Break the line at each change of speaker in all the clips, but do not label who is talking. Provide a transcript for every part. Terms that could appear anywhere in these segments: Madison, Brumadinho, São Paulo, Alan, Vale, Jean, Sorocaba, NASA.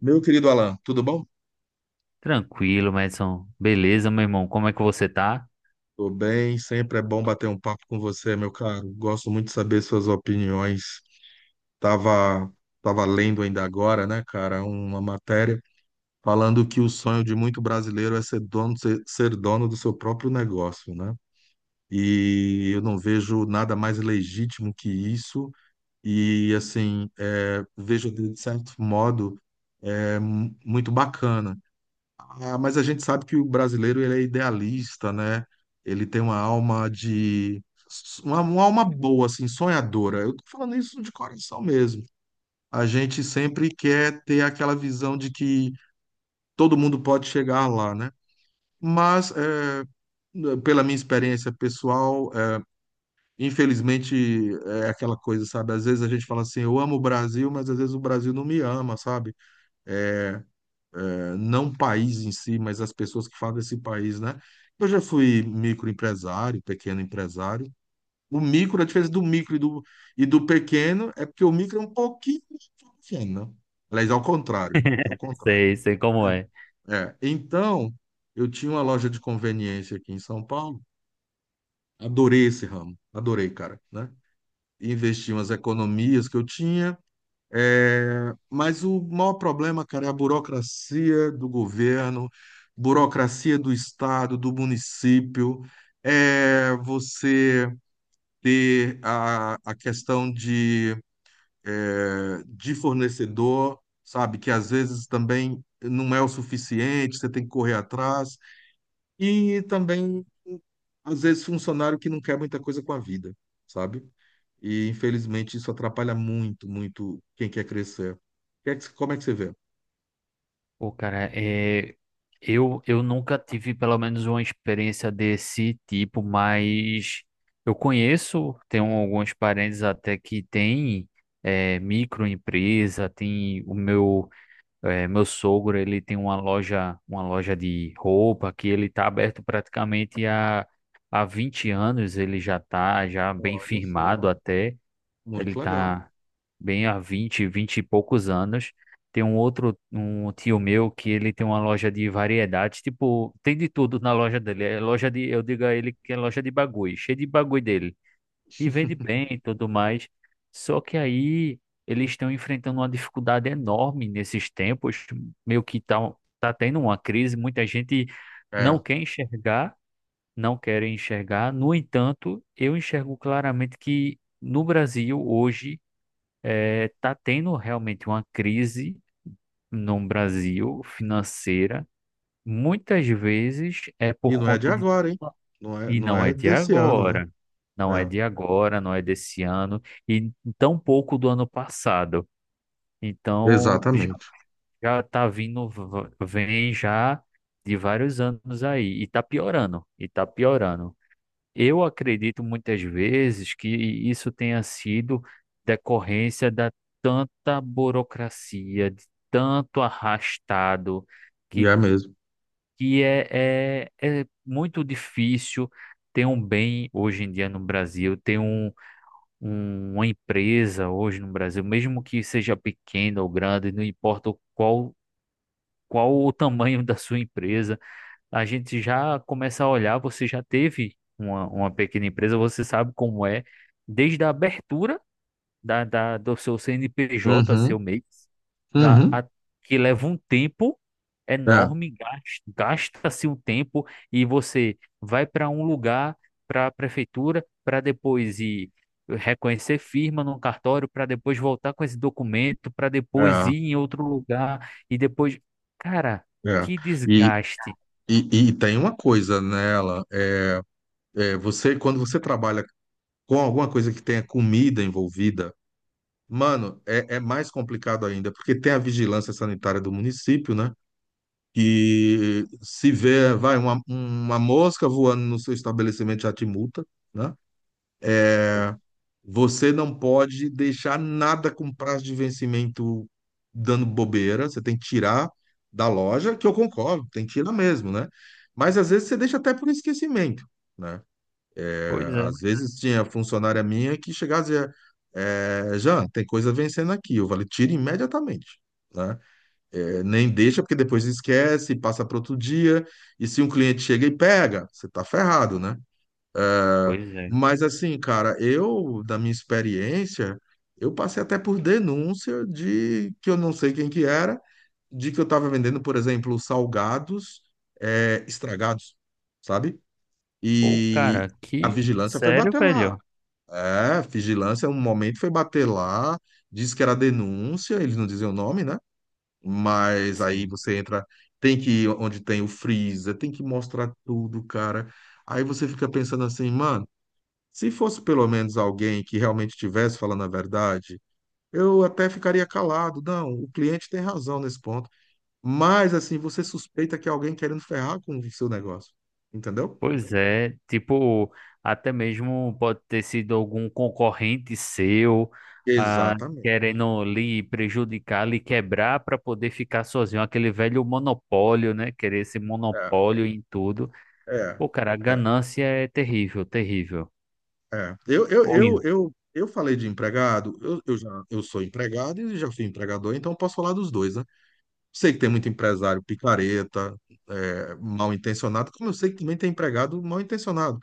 Meu querido Alan, tudo bom?
Tranquilo, Madison. Beleza, meu irmão? Como é que você tá?
Tô bem, sempre é bom bater um papo com você, meu caro. Gosto muito de saber suas opiniões. Tava, tava lendo ainda agora, né, cara, uma matéria falando que o sonho de muito brasileiro é ser dono, ser dono do seu próprio negócio, né? E eu não vejo nada mais legítimo que isso. E assim, vejo de certo modo muito bacana. Ah, mas a gente sabe que o brasileiro ele é idealista, né? Ele tem uma alma de uma alma boa, assim, sonhadora. Eu tô falando isso de coração mesmo. A gente sempre quer ter aquela visão de que todo mundo pode chegar lá, né? Mas é, pela minha experiência pessoal, é, infelizmente é aquela coisa, sabe? Às vezes a gente fala assim, eu amo o Brasil, mas às vezes o Brasil não me ama, sabe? É, não o país em si, mas as pessoas que fazem esse país, né? Eu já fui microempresário, pequeno empresário. O micro, a diferença do micro e e do pequeno é porque o micro é um pouquinho pequeno, né? Aliás, ao contrário. É o contrário.
Sei, sei como é.
É. Então, eu tinha uma loja de conveniência aqui em São Paulo. Adorei esse ramo. Adorei, cara, né? Investi umas economias que eu tinha. É, mas o maior problema, cara, é a burocracia do governo, burocracia do estado, do município, é você ter a questão de, de fornecedor, sabe, que às vezes também não é o suficiente, você tem que correr atrás, e também, às vezes, funcionário que não quer muita coisa com a vida, sabe? E infelizmente isso atrapalha muito, muito quem quer crescer. Como é que você vê?
Pô, cara, eu nunca tive pelo menos uma experiência desse tipo, mas eu conheço, tenho alguns parentes até que têm microempresa. Tem meu sogro. Ele tem uma loja de roupa que ele está aberto praticamente há 20 anos. Ele já está já bem
Olha
firmado
só,
até. Ele
muito legal.
tá bem há vinte e poucos anos. Tem um tio meu que ele tem uma loja de variedades, tipo, tem de tudo na loja dele. Eu digo a ele que é loja de bagulho, cheio de bagulho dele. E vende bem e tudo mais. Só que aí eles estão enfrentando uma dificuldade enorme nesses tempos, meio que tá tendo uma crise, muita gente não
É.
quer enxergar, não quer enxergar. No entanto, eu enxergo claramente que no Brasil hoje tá tendo realmente uma crise no Brasil financeira. Muitas vezes é
E
por
não é de
conta de.
agora, hein? Não é,
E
não
não
é
é de
desse ano, né?
agora. Não é
É,
de agora, não é desse ano. E tão pouco do ano passado. Então, já,
exatamente.
já tá vindo, vem já de vários anos aí. E tá piorando. E tá piorando. Eu acredito muitas vezes que isso tenha sido decorrência da tanta burocracia, de tanto arrastado,
E
que,
é mesmo.
que é muito difícil ter um bem hoje em dia no Brasil, ter uma empresa hoje no Brasil, mesmo que seja pequena ou grande, não importa qual o tamanho da sua empresa. A gente já começa a olhar, você já teve uma pequena empresa, você sabe como é, desde a abertura do seu CNPJ,
Uhum,
seu MEI, a-
uhum.
a- que leva um tempo
É,
enorme, gasta-se um tempo e você vai para um lugar, para a prefeitura, para depois ir reconhecer firma no cartório, para depois voltar com esse documento, para depois
é,
ir em outro lugar e depois, cara,
é.
que
E,
desgaste.
e tem uma coisa nela. Você, quando você trabalha com alguma coisa que tenha comida envolvida, mano, é mais complicado ainda, porque tem a vigilância sanitária do município, né? Que se vê, vai, uma mosca voando no seu estabelecimento já te multa, né? Você não pode deixar nada com prazo de vencimento dando bobeira, você tem que tirar da loja, que eu concordo, tem que tirar mesmo, né? Mas às vezes você deixa até por esquecimento, né?
Pois
É, às
é.
vezes tinha funcionária minha que chegava e dizia, Jean, tem coisa vencendo aqui, eu falei, tira imediatamente, né? É, nem deixa, porque depois esquece, passa para outro dia, e se um cliente chega e pega, você tá ferrado, né? É,
Pois é.
Mas assim, cara, da minha experiência, eu passei até por denúncia de que eu não sei quem que era, de que eu estava vendendo, por exemplo, salgados, estragados, sabe?
Pô,
E
cara,
a
que
vigilância foi
sério,
bater lá.
velho?
É, a vigilância, um momento foi bater lá, disse que era denúncia, eles não diziam o nome, né? Mas aí
Sim.
você entra, tem que ir onde tem o freezer, tem que mostrar tudo, cara. Aí você fica pensando assim, mano, se fosse pelo menos alguém que realmente estivesse falando a verdade, eu até ficaria calado. Não, o cliente tem razão nesse ponto. Mas assim, você suspeita que é alguém querendo ferrar com o seu negócio, entendeu?
Pois é, tipo, até mesmo pode ter sido algum concorrente seu, ah,
Exatamente.
querendo lhe prejudicar, lhe quebrar para poder ficar sozinho, aquele velho monopólio, né? Querer esse
É,
monopólio em tudo.
é,
Pô, cara, a
é,
ganância é terrível, terrível.
Eu, eu,
Ou
eu,
isso.
eu, eu falei de empregado, eu sou empregado e já fui empregador, então eu posso falar dos dois, né? Sei que tem muito empresário picareta, é, mal intencionado, como eu sei que também tem empregado mal intencionado.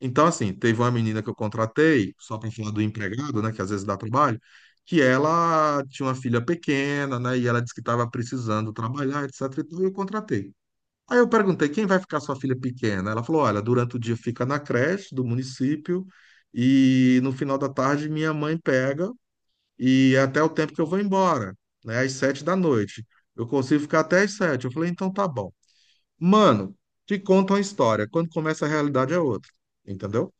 Então, assim, teve uma menina que eu contratei, só para falar do empregado, né, que às vezes dá trabalho, que ela tinha uma filha pequena, né, e ela disse que estava precisando trabalhar, etc. E tudo, e eu contratei. Aí eu perguntei, quem vai ficar sua filha pequena? Ela falou, olha, durante o dia fica na creche do município e no final da tarde minha mãe pega e até o tempo que eu vou embora, né? Às 7 da noite. Eu consigo ficar até às 7. Eu falei, então tá bom. Mano, te conta uma história. Quando começa a realidade é outra, entendeu?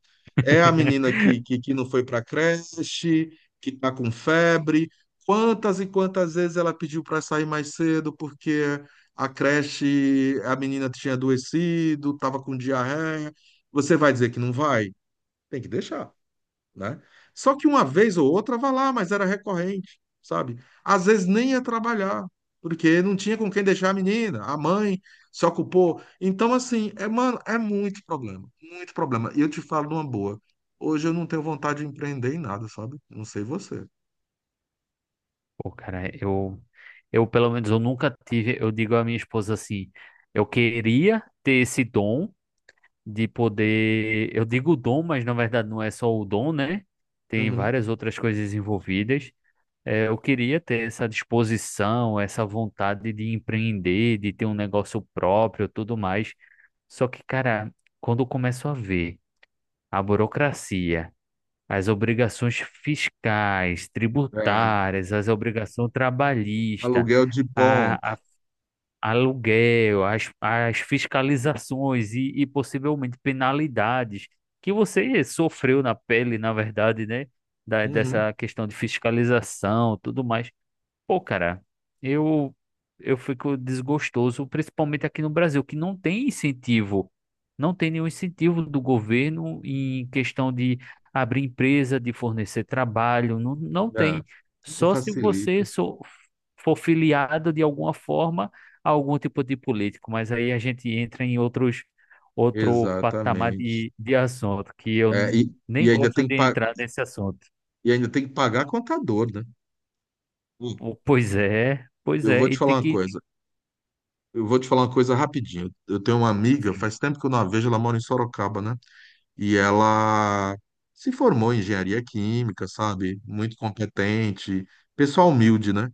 É a menina que não foi pra creche, que tá com febre. Quantas e quantas vezes ela pediu para sair mais cedo porque a creche, a menina tinha adoecido, tava com diarreia. Você vai dizer que não vai? Tem que deixar, né? Só que uma vez ou outra vai lá, mas era recorrente, sabe? Às vezes nem ia trabalhar, porque não tinha com quem deixar a menina, a mãe se ocupou. Então, assim, é, mano, é muito problema, muito problema. E eu te falo numa boa, hoje eu não tenho vontade de empreender em nada, sabe? Não sei você.
Pô, cara, eu pelo menos eu nunca tive, eu digo à minha esposa assim, eu queria ter esse dom de poder. Eu digo dom, mas na verdade não é só o dom, né? Tem
Uhum.
várias outras coisas envolvidas. É, eu queria ter essa disposição, essa vontade de empreender, de ter um negócio próprio, tudo mais. Só que, cara, quando eu começo a ver a burocracia, as obrigações fiscais,
É.
tributárias, as obrigações trabalhistas,
Aluguel de pontos.
aluguel, as fiscalizações e possivelmente penalidades que você sofreu na pele, na verdade, né? Da,
Uhum.
dessa questão de fiscalização, tudo mais. Pô, cara, eu eu fico desgostoso, principalmente aqui no Brasil, que não tem incentivo, não tem nenhum incentivo do governo em questão de abrir empresa, de fornecer trabalho, não, não
É.
tem.
Não
Só se você
facilita.
for filiado de alguma forma a algum tipo de político, mas aí a gente entra em outro patamar
Exatamente.
de assunto, que eu
É, e
nem
ainda
gosto de entrar nesse assunto.
e ainda tem que pagar contador, né? Hum.
Pois
Eu
é,
vou te
e
falar
tem
uma
que
coisa. Eu vou te falar uma coisa rapidinho. Eu tenho uma amiga,
sim.
faz tempo que eu não a vejo, ela mora em Sorocaba, né? E ela se formou em engenharia química, sabe? Muito competente, pessoal humilde, né?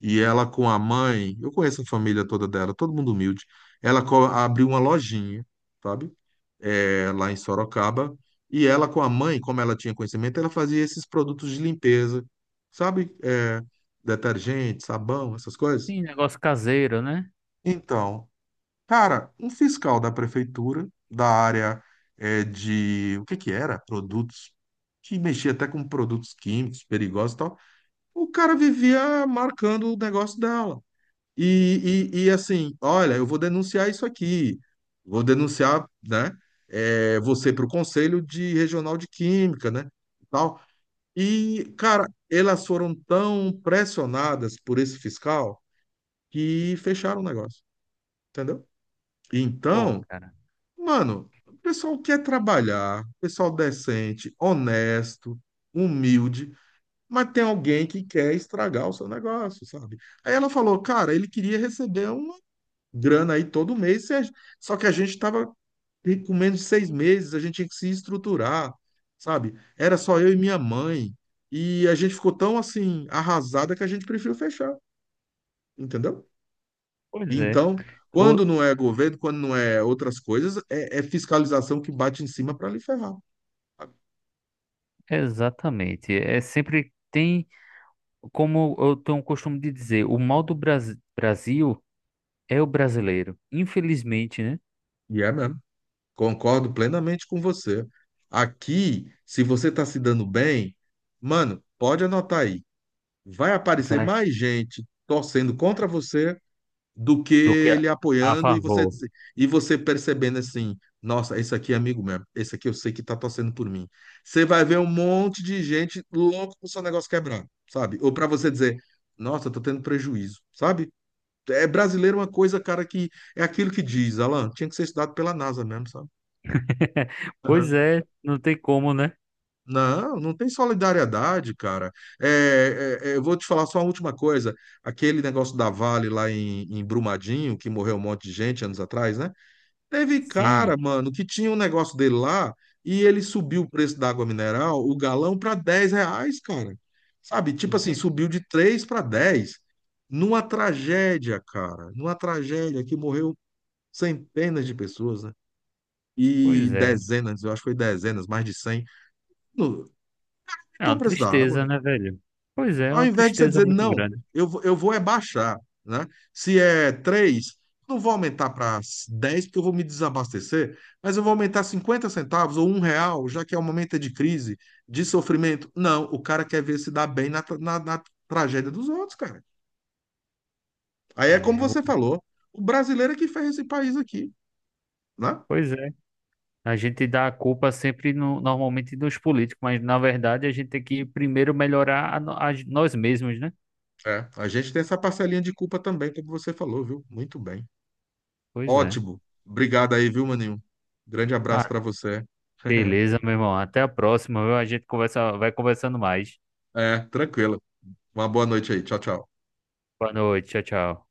E ela com a mãe, eu conheço a família toda dela, todo mundo humilde. Ela abriu uma lojinha, sabe? É, lá em Sorocaba. E ela com a mãe, como ela tinha conhecimento, ela fazia esses produtos de limpeza, sabe? É, detergente, sabão, essas coisas.
Sim, negócio caseiro, né?
Então, cara, um fiscal da prefeitura, da área, é, de... O que que era? Produtos. Que mexia até com produtos químicos perigosos e tal. O cara vivia marcando o negócio dela. E assim, olha, eu vou denunciar isso aqui. Vou denunciar, né? Você para o Conselho de Regional de Química, né? E tal. E, cara, elas foram tão pressionadas por esse fiscal que fecharam o negócio, entendeu?
Pô,
Então.
cara.
Mano, o pessoal quer trabalhar, pessoal decente, honesto, humilde, mas tem alguém que quer estragar o seu negócio, sabe? Aí ela falou, cara, ele queria receber uma grana aí todo mês, se a- só que a gente tava com menos de 6 meses, a gente tinha que se estruturar, sabe? Era só eu e minha mãe, e a gente ficou tão assim, arrasada que a gente preferiu fechar, entendeu?
Pois é.
Então, quando
O-
não é governo, quando não é outras coisas, é fiscalização que bate em cima para lhe ferrar.
exatamente. É sempre tem, como eu tenho o costume de dizer, o mal do Brasil é o brasileiro. Infelizmente, né?
E é mesmo. Concordo plenamente com você. Aqui, se você está se dando bem, mano, pode anotar aí. Vai aparecer
Vai
mais gente torcendo contra você do que
do que a,
ele
a
apoiando e
favor.
e você percebendo assim, nossa, esse aqui é amigo mesmo, esse aqui eu sei que tá torcendo por mim. Você vai ver um monte de gente louco com o seu negócio quebrando, sabe? Ou para você dizer, nossa, eu tô tendo prejuízo, sabe? É, brasileiro é uma coisa, cara, que é aquilo que diz, Alan, tinha que ser estudado pela NASA mesmo, sabe?
Pois
Aham.
é, não tem como, né?
Não, não tem solidariedade, cara. Eu vou te falar só uma última coisa. Aquele negócio da Vale lá em, em Brumadinho, que morreu um monte de gente anos atrás, né? Teve cara,
Sim.
mano, que tinha um negócio dele lá e ele subiu o preço da água mineral, o galão, para 10 reais, cara. Sabe? Tipo assim,
Vê-
subiu de 3 para 10. Numa tragédia, cara. Numa tragédia que morreu centenas de pessoas, né? E
Pois é.
dezenas, eu acho que foi dezenas, mais de 100. No,
É
aumentou o
uma
preço da água.
tristeza, né, velho? Pois é, é
Ao
uma
invés de você
tristeza
dizer,
muito
não,
grande.
eu vou é baixar, né? Se é 3, não vou aumentar para 10 porque eu vou me desabastecer, mas eu vou aumentar 50 centavos ou 1 real, já que é um momento de crise, de sofrimento. Não, o cara quer ver se dá bem na tragédia dos outros, cara. Aí é como
É,
você falou, o brasileiro é que fez esse país aqui, né?
pois é. A gente dá a culpa sempre no, normalmente nos políticos, mas na verdade a gente tem que primeiro melhorar a, no- a gen- nós mesmos, né?
É, a gente tem essa parcelinha de culpa também, como você falou, viu? Muito bem.
Pois é.
Ótimo. Obrigado aí, viu, Maninho? Grande abraço
Ah,
para você.
beleza, meu irmão. Até a próxima, viu? A gente conversa, vai conversando mais.
É, tranquilo. Uma boa noite aí. Tchau, tchau.
Boa noite, tchau, tchau.